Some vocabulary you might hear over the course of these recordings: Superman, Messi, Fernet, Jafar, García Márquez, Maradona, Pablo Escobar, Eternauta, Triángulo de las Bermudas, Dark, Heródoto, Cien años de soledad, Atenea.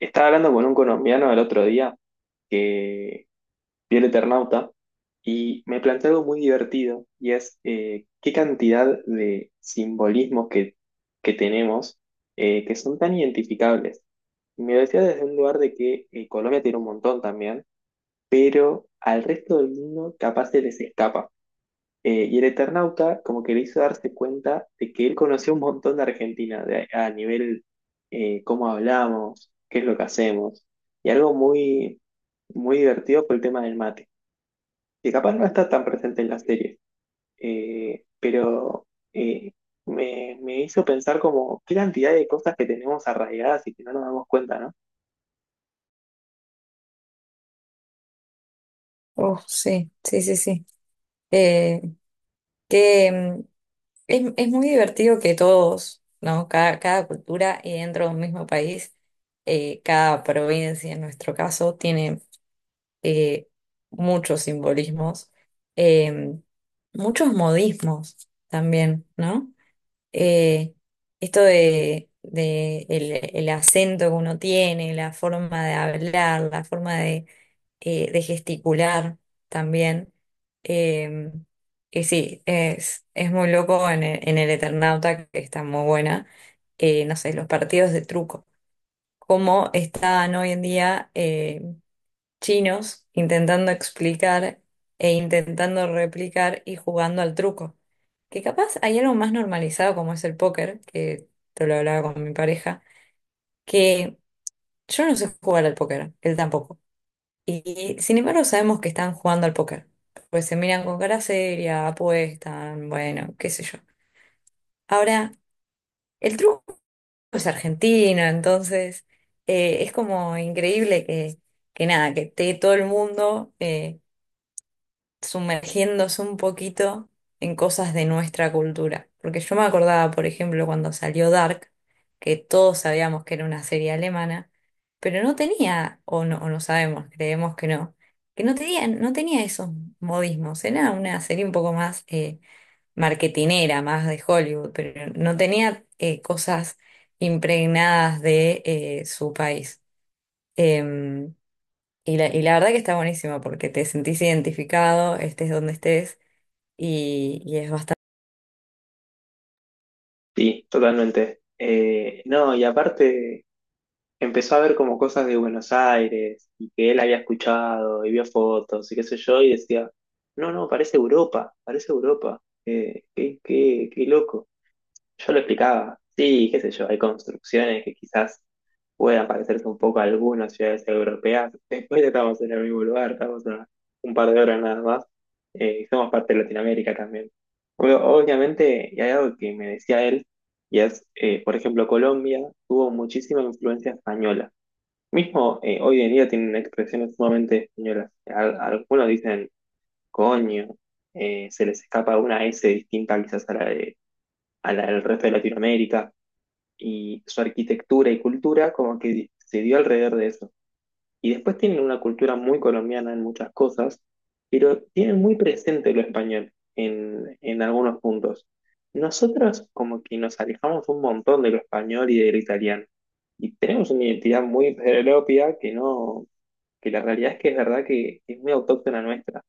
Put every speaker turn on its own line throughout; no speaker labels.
Estaba hablando con un colombiano el otro día que vio el Eternauta y me planteó algo muy divertido. Y es qué cantidad de simbolismos que tenemos, que son tan identificables. Me decía desde un lugar de que Colombia tiene un montón también, pero al resto del mundo capaz se les escapa. Y el Eternauta como que le hizo darse cuenta de que él conoció un montón de Argentina a nivel cómo hablamos, qué es lo que hacemos. Y algo muy divertido fue el tema del mate, que capaz no está tan presente en la serie, pero eh, me hizo pensar como qué cantidad de cosas que tenemos arraigadas y que no nos damos cuenta, ¿no?
Oh, sí, sí, sí, sí. Eh, que mm, es muy divertido que todos, ¿no? Cada cultura y dentro de un mismo país, cada provincia en nuestro caso tiene eh, muchos simbolismos, eh, muchos modismos también, ¿no? Eh, Esto de el acento que uno tiene, la forma de hablar, la forma de gesticular también. Eh, y sí, es muy loco en el Eternauta, que está muy buena. No sé, los partidos de truco. Cómo están hoy en día, chinos intentando explicar e intentando replicar y jugando al truco. Que capaz hay algo más normalizado como es el póker, que te lo hablaba con mi pareja, que yo no sé jugar al póker, él tampoco. Y sin embargo sabemos que están jugando al póker, pues se miran con cara seria, apuestan, bueno, qué sé yo. Ahora, el truco es argentino, entonces, es como increíble que nada, que esté todo el mundo, sumergiéndose un poquito en cosas de nuestra cultura. Porque yo me acordaba, por ejemplo, cuando salió Dark, que todos sabíamos que era una serie alemana, pero no tenía, o no sabemos, creemos que no tenía, no tenía esos modismos. Era una serie un poco más, marketinera, más de Hollywood, pero no tenía, cosas impregnadas de, su país. Em, y la verdad que está buenísimo porque te sentís identificado, estés donde estés, y es bastante.
Sí, totalmente. No, y aparte empezó a ver como cosas de Buenos Aires y que él había escuchado y vio fotos y qué sé yo, y decía, no, no, parece Europa, parece Europa. ¿Qué loco? Yo lo explicaba, sí, qué sé yo, hay construcciones que quizás puedan parecerse un poco a algunas ciudades europeas, después estamos en el mismo lugar, estamos a un par de horas nada más. Somos parte de Latinoamérica también. Obviamente, y hay algo que me decía él, y es, por ejemplo, Colombia tuvo muchísima influencia española. Mismo, hoy en día tienen expresiones sumamente españolas. Algunos dicen coño, se les escapa una S distinta quizás a a la del resto de Latinoamérica, y su arquitectura y cultura como que se dio alrededor de eso. Y después tienen una cultura muy colombiana en muchas cosas, pero tienen muy presente lo español en algunos puntos. Nosotros como que nos alejamos un montón de lo español y del italiano. Y tenemos una identidad muy propia que no que la realidad es que es verdad que es muy autóctona nuestra.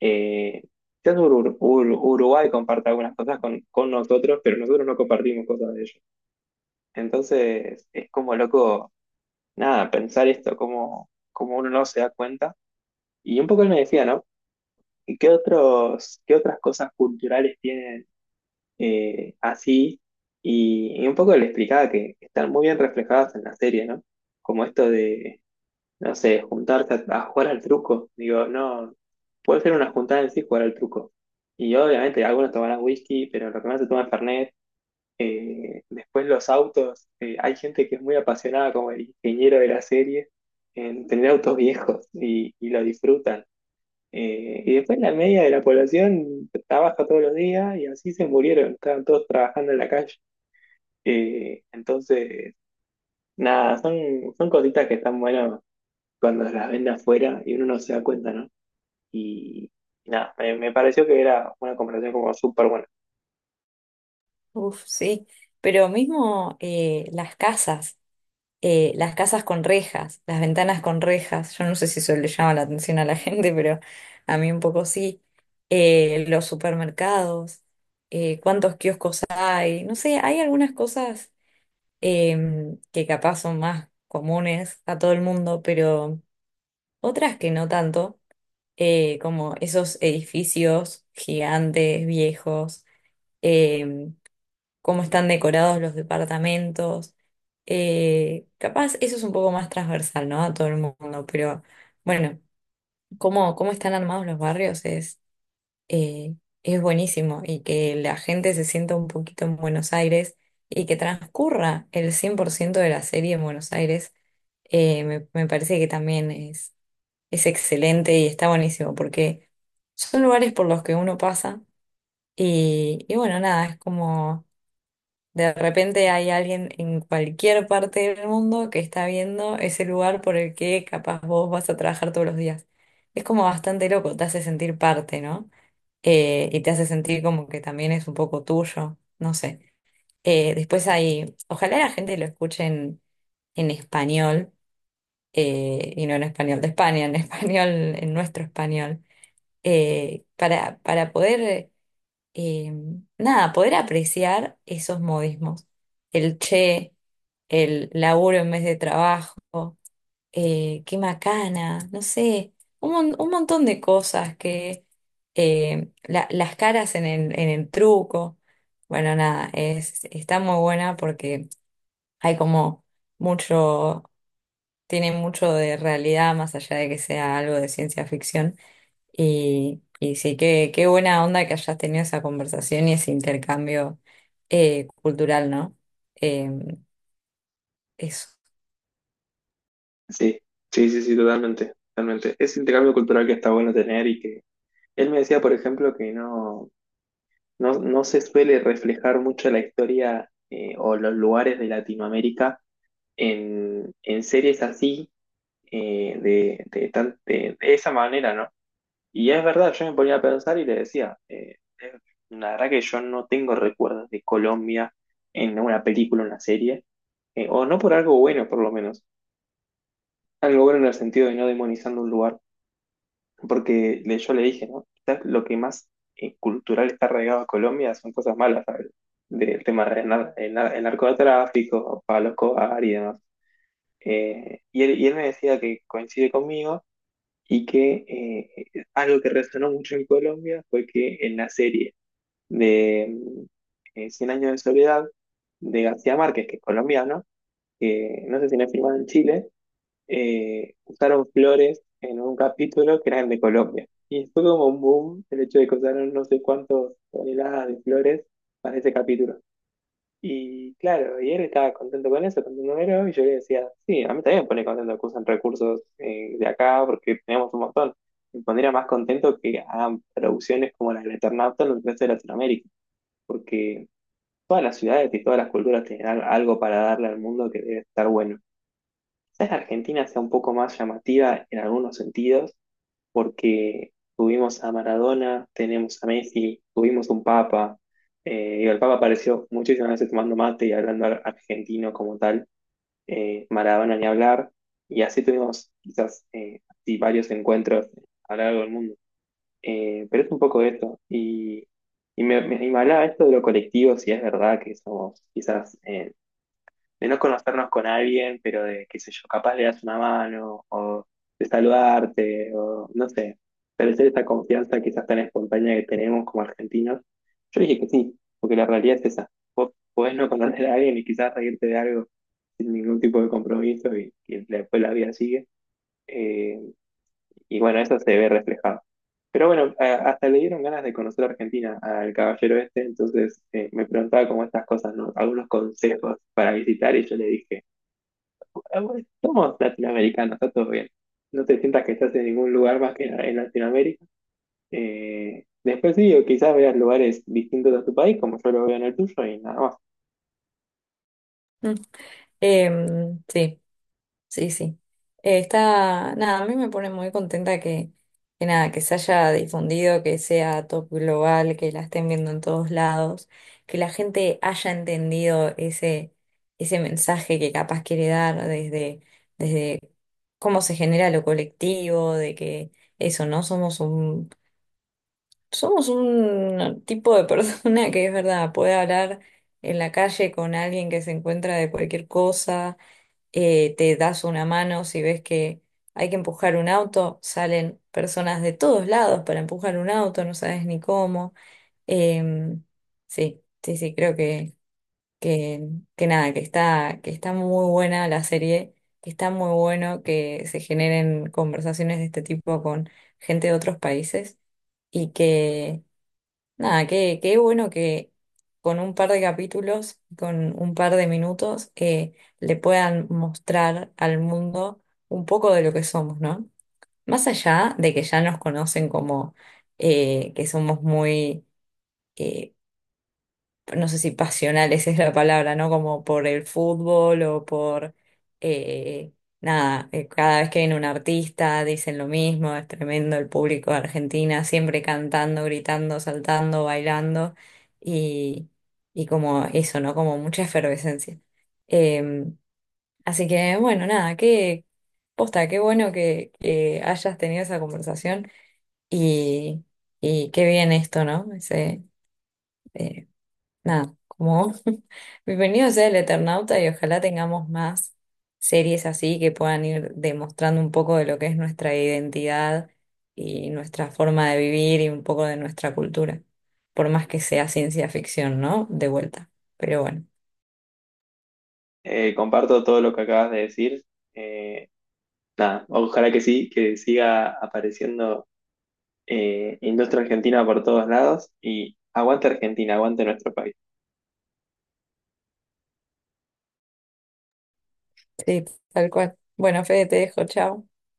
Eh, quizás Uruguay comparte algunas cosas con nosotros, pero nosotros no compartimos cosas de ellos. Entonces, es como loco, nada, pensar esto como uno no se da cuenta. Y un poco él me decía, ¿no? ¿Y qué qué otras cosas culturales tienen, así? Y un poco le explicaba que están muy bien reflejadas en la serie, ¿no? Como esto de no sé, juntarse a jugar al truco. Digo, no, puede ser una juntada en sí jugar al truco. Y obviamente algunos tomarán whisky, pero lo que más se toma es Fernet. Después los autos. Hay gente que es muy apasionada, como el ingeniero de la serie, en tener autos viejos y lo disfrutan. Y después la media de la población trabaja todos los días, y así se murieron, estaban todos trabajando en la calle. Entonces, nada, son cositas que están buenas cuando las ven de afuera y uno no se da cuenta, ¿no? Y nada, me pareció que era una comparación como súper buena.
Uf, sí, pero mismo, las casas con rejas, las ventanas con rejas, yo no sé si eso le llama la atención a la gente, pero a mí un poco sí. Los supermercados, cuántos kioscos hay, no sé, hay algunas cosas, que capaz son más comunes a todo el mundo, pero otras que no tanto. Como esos edificios gigantes, viejos, eh, cómo están decorados los departamentos. Capaz eso es un poco más transversal, ¿no? A todo el mundo, pero bueno, cómo están armados los barrios eh, es buenísimo, y que la gente se sienta un poquito en Buenos Aires y que transcurra el 100% de la serie en Buenos Aires, me parece que también es excelente y está buenísimo porque son lugares por los que uno pasa y bueno, nada, es como de repente hay alguien en cualquier parte del mundo que está viendo ese lugar por el que capaz vos vas a trabajar todos los días. Es como bastante loco, te hace sentir parte, ¿no? Y te hace sentir como que también es un poco tuyo, no sé. Después hay, ojalá la gente lo escuche en español, y no en español de España, en español, en nuestro español, para poder, eh, nada, poder apreciar esos modismos. El che, el laburo en vez de trabajo, qué macana, no sé, un montón de cosas que, las caras en el truco. Bueno, nada, está muy buena porque hay como mucho, tiene mucho de realidad más allá de que sea algo de ciencia ficción. Y sí, qué buena onda que hayas tenido esa conversación y ese intercambio, cultural, ¿no? Eh, eso.
Sí, sí, sí, sí, totalmente, totalmente. Es intercambio cultural que está bueno tener. Y que él me decía, por ejemplo, que no se suele reflejar mucho la historia, o los lugares de Latinoamérica en series así, de esa manera, ¿no? Y es verdad, yo me ponía a pensar y le decía, eh, la verdad que yo no tengo recuerdos de Colombia en una película, una serie, o no por algo bueno, por lo menos. Algo bueno en el sentido de no demonizando un lugar, porque yo le dije, ¿no? Quizás lo que más cultural está arraigado a Colombia son cosas malas, ¿sabes? Del tema del el narcotráfico, Pablo Escobar y demás. Y él me decía que coincide conmigo, y que algo que resonó mucho en Colombia fue que en la serie de Cien años de soledad de García Márquez, que es colombiano, que no sé si no es filmado en Chile, usaron flores en un capítulo que eran de Colombia. Y fue como un boom el hecho de que usaron no sé cuántas toneladas de flores para ese capítulo. Y claro, y él estaba contento con eso, contento con eso. Y yo le decía, sí, a mí también me pone contento que usen recursos, de acá, porque tenemos un montón. Me pondría más contento que hagan producciones como la del Eternauta en el resto de Latinoamérica, porque todas las ciudades y todas las culturas tienen algo para darle al mundo que debe estar bueno. Quizás la Argentina sea un poco más llamativa en algunos sentidos, porque tuvimos a Maradona, tenemos a Messi, tuvimos un Papa. El Papa apareció muchísimas veces tomando mate y hablando argentino como tal. Maradona ni hablar. Y así tuvimos quizás, así, varios encuentros a lo largo del mundo. Pero es un poco esto. Y me hablaba esto de lo colectivo, si es verdad que somos quizás, de no conocernos con alguien, pero de, qué sé yo, capaz le das una mano, o de saludarte, o no sé, establecer esa confianza quizás tan espontánea que tenemos como argentinos. Yo dije que sí, porque la realidad es esa. Vos podés no conocer a alguien y quizás reírte de algo sin ningún tipo de compromiso, y después la vida sigue. Eh, y bueno, eso se ve reflejado. Pero bueno, hasta le dieron ganas de conocer a Argentina al caballero este. Entonces, me preguntaba como estas cosas, ¿no? Algunos consejos para visitar, y yo le dije, igual somos latinoamericanos, está todo bien. No te sientas que estás en ningún lugar más que en Latinoamérica. Después sí, o quizás veas lugares distintos a tu país, como yo lo veo en el tuyo, y nada más.
Mm. Eh, sí. Sí, sí. Está, nada, a mí me pone muy contenta que nada, que se haya difundido, que sea top global, que la estén viendo en todos lados, que la gente haya entendido ese mensaje que capaz quiere dar desde, desde cómo se genera lo colectivo, de que eso, no somos un, somos un tipo de persona que es verdad, puede hablar en la calle con alguien que se encuentra de cualquier cosa, te das una mano si ves que hay que empujar un auto, salen personas de todos lados para empujar un auto, no sabes ni cómo. Em, sí, sí, sí, creo que, que nada, que está muy buena la serie, que está muy bueno que se generen conversaciones de este tipo con gente de otros países y que Nada, qué bueno que con un par de capítulos, con un par de minutos, le puedan mostrar al mundo un poco de lo que somos, ¿no? Más allá de que ya nos conocen como, que somos muy, eh, no sé si pasionales es la palabra, ¿no? Como por el fútbol o por, eh, nada, cada vez que viene un artista dicen lo mismo, es tremendo el público de Argentina, siempre cantando, gritando, saltando, bailando y, y como eso, ¿no? Como mucha efervescencia. Eh, así que, bueno, nada, qué posta, qué bueno que hayas tenido esa conversación y, y qué bien esto, ¿no? Ese, eh, nada, como bienvenido sea el Eternauta y ojalá tengamos más series así que puedan ir demostrando un poco de lo que es nuestra identidad y nuestra forma de vivir y un poco de nuestra cultura, por más que sea ciencia ficción, ¿no? De vuelta. Pero bueno,
Comparto todo lo que acabas de decir. Eh, Nada, ojalá que sí, que siga apareciendo industria argentina por todos lados, y aguante Argentina, aguante nuestro país.
sí, tal cual. Bueno, Fede, te dejo, chao.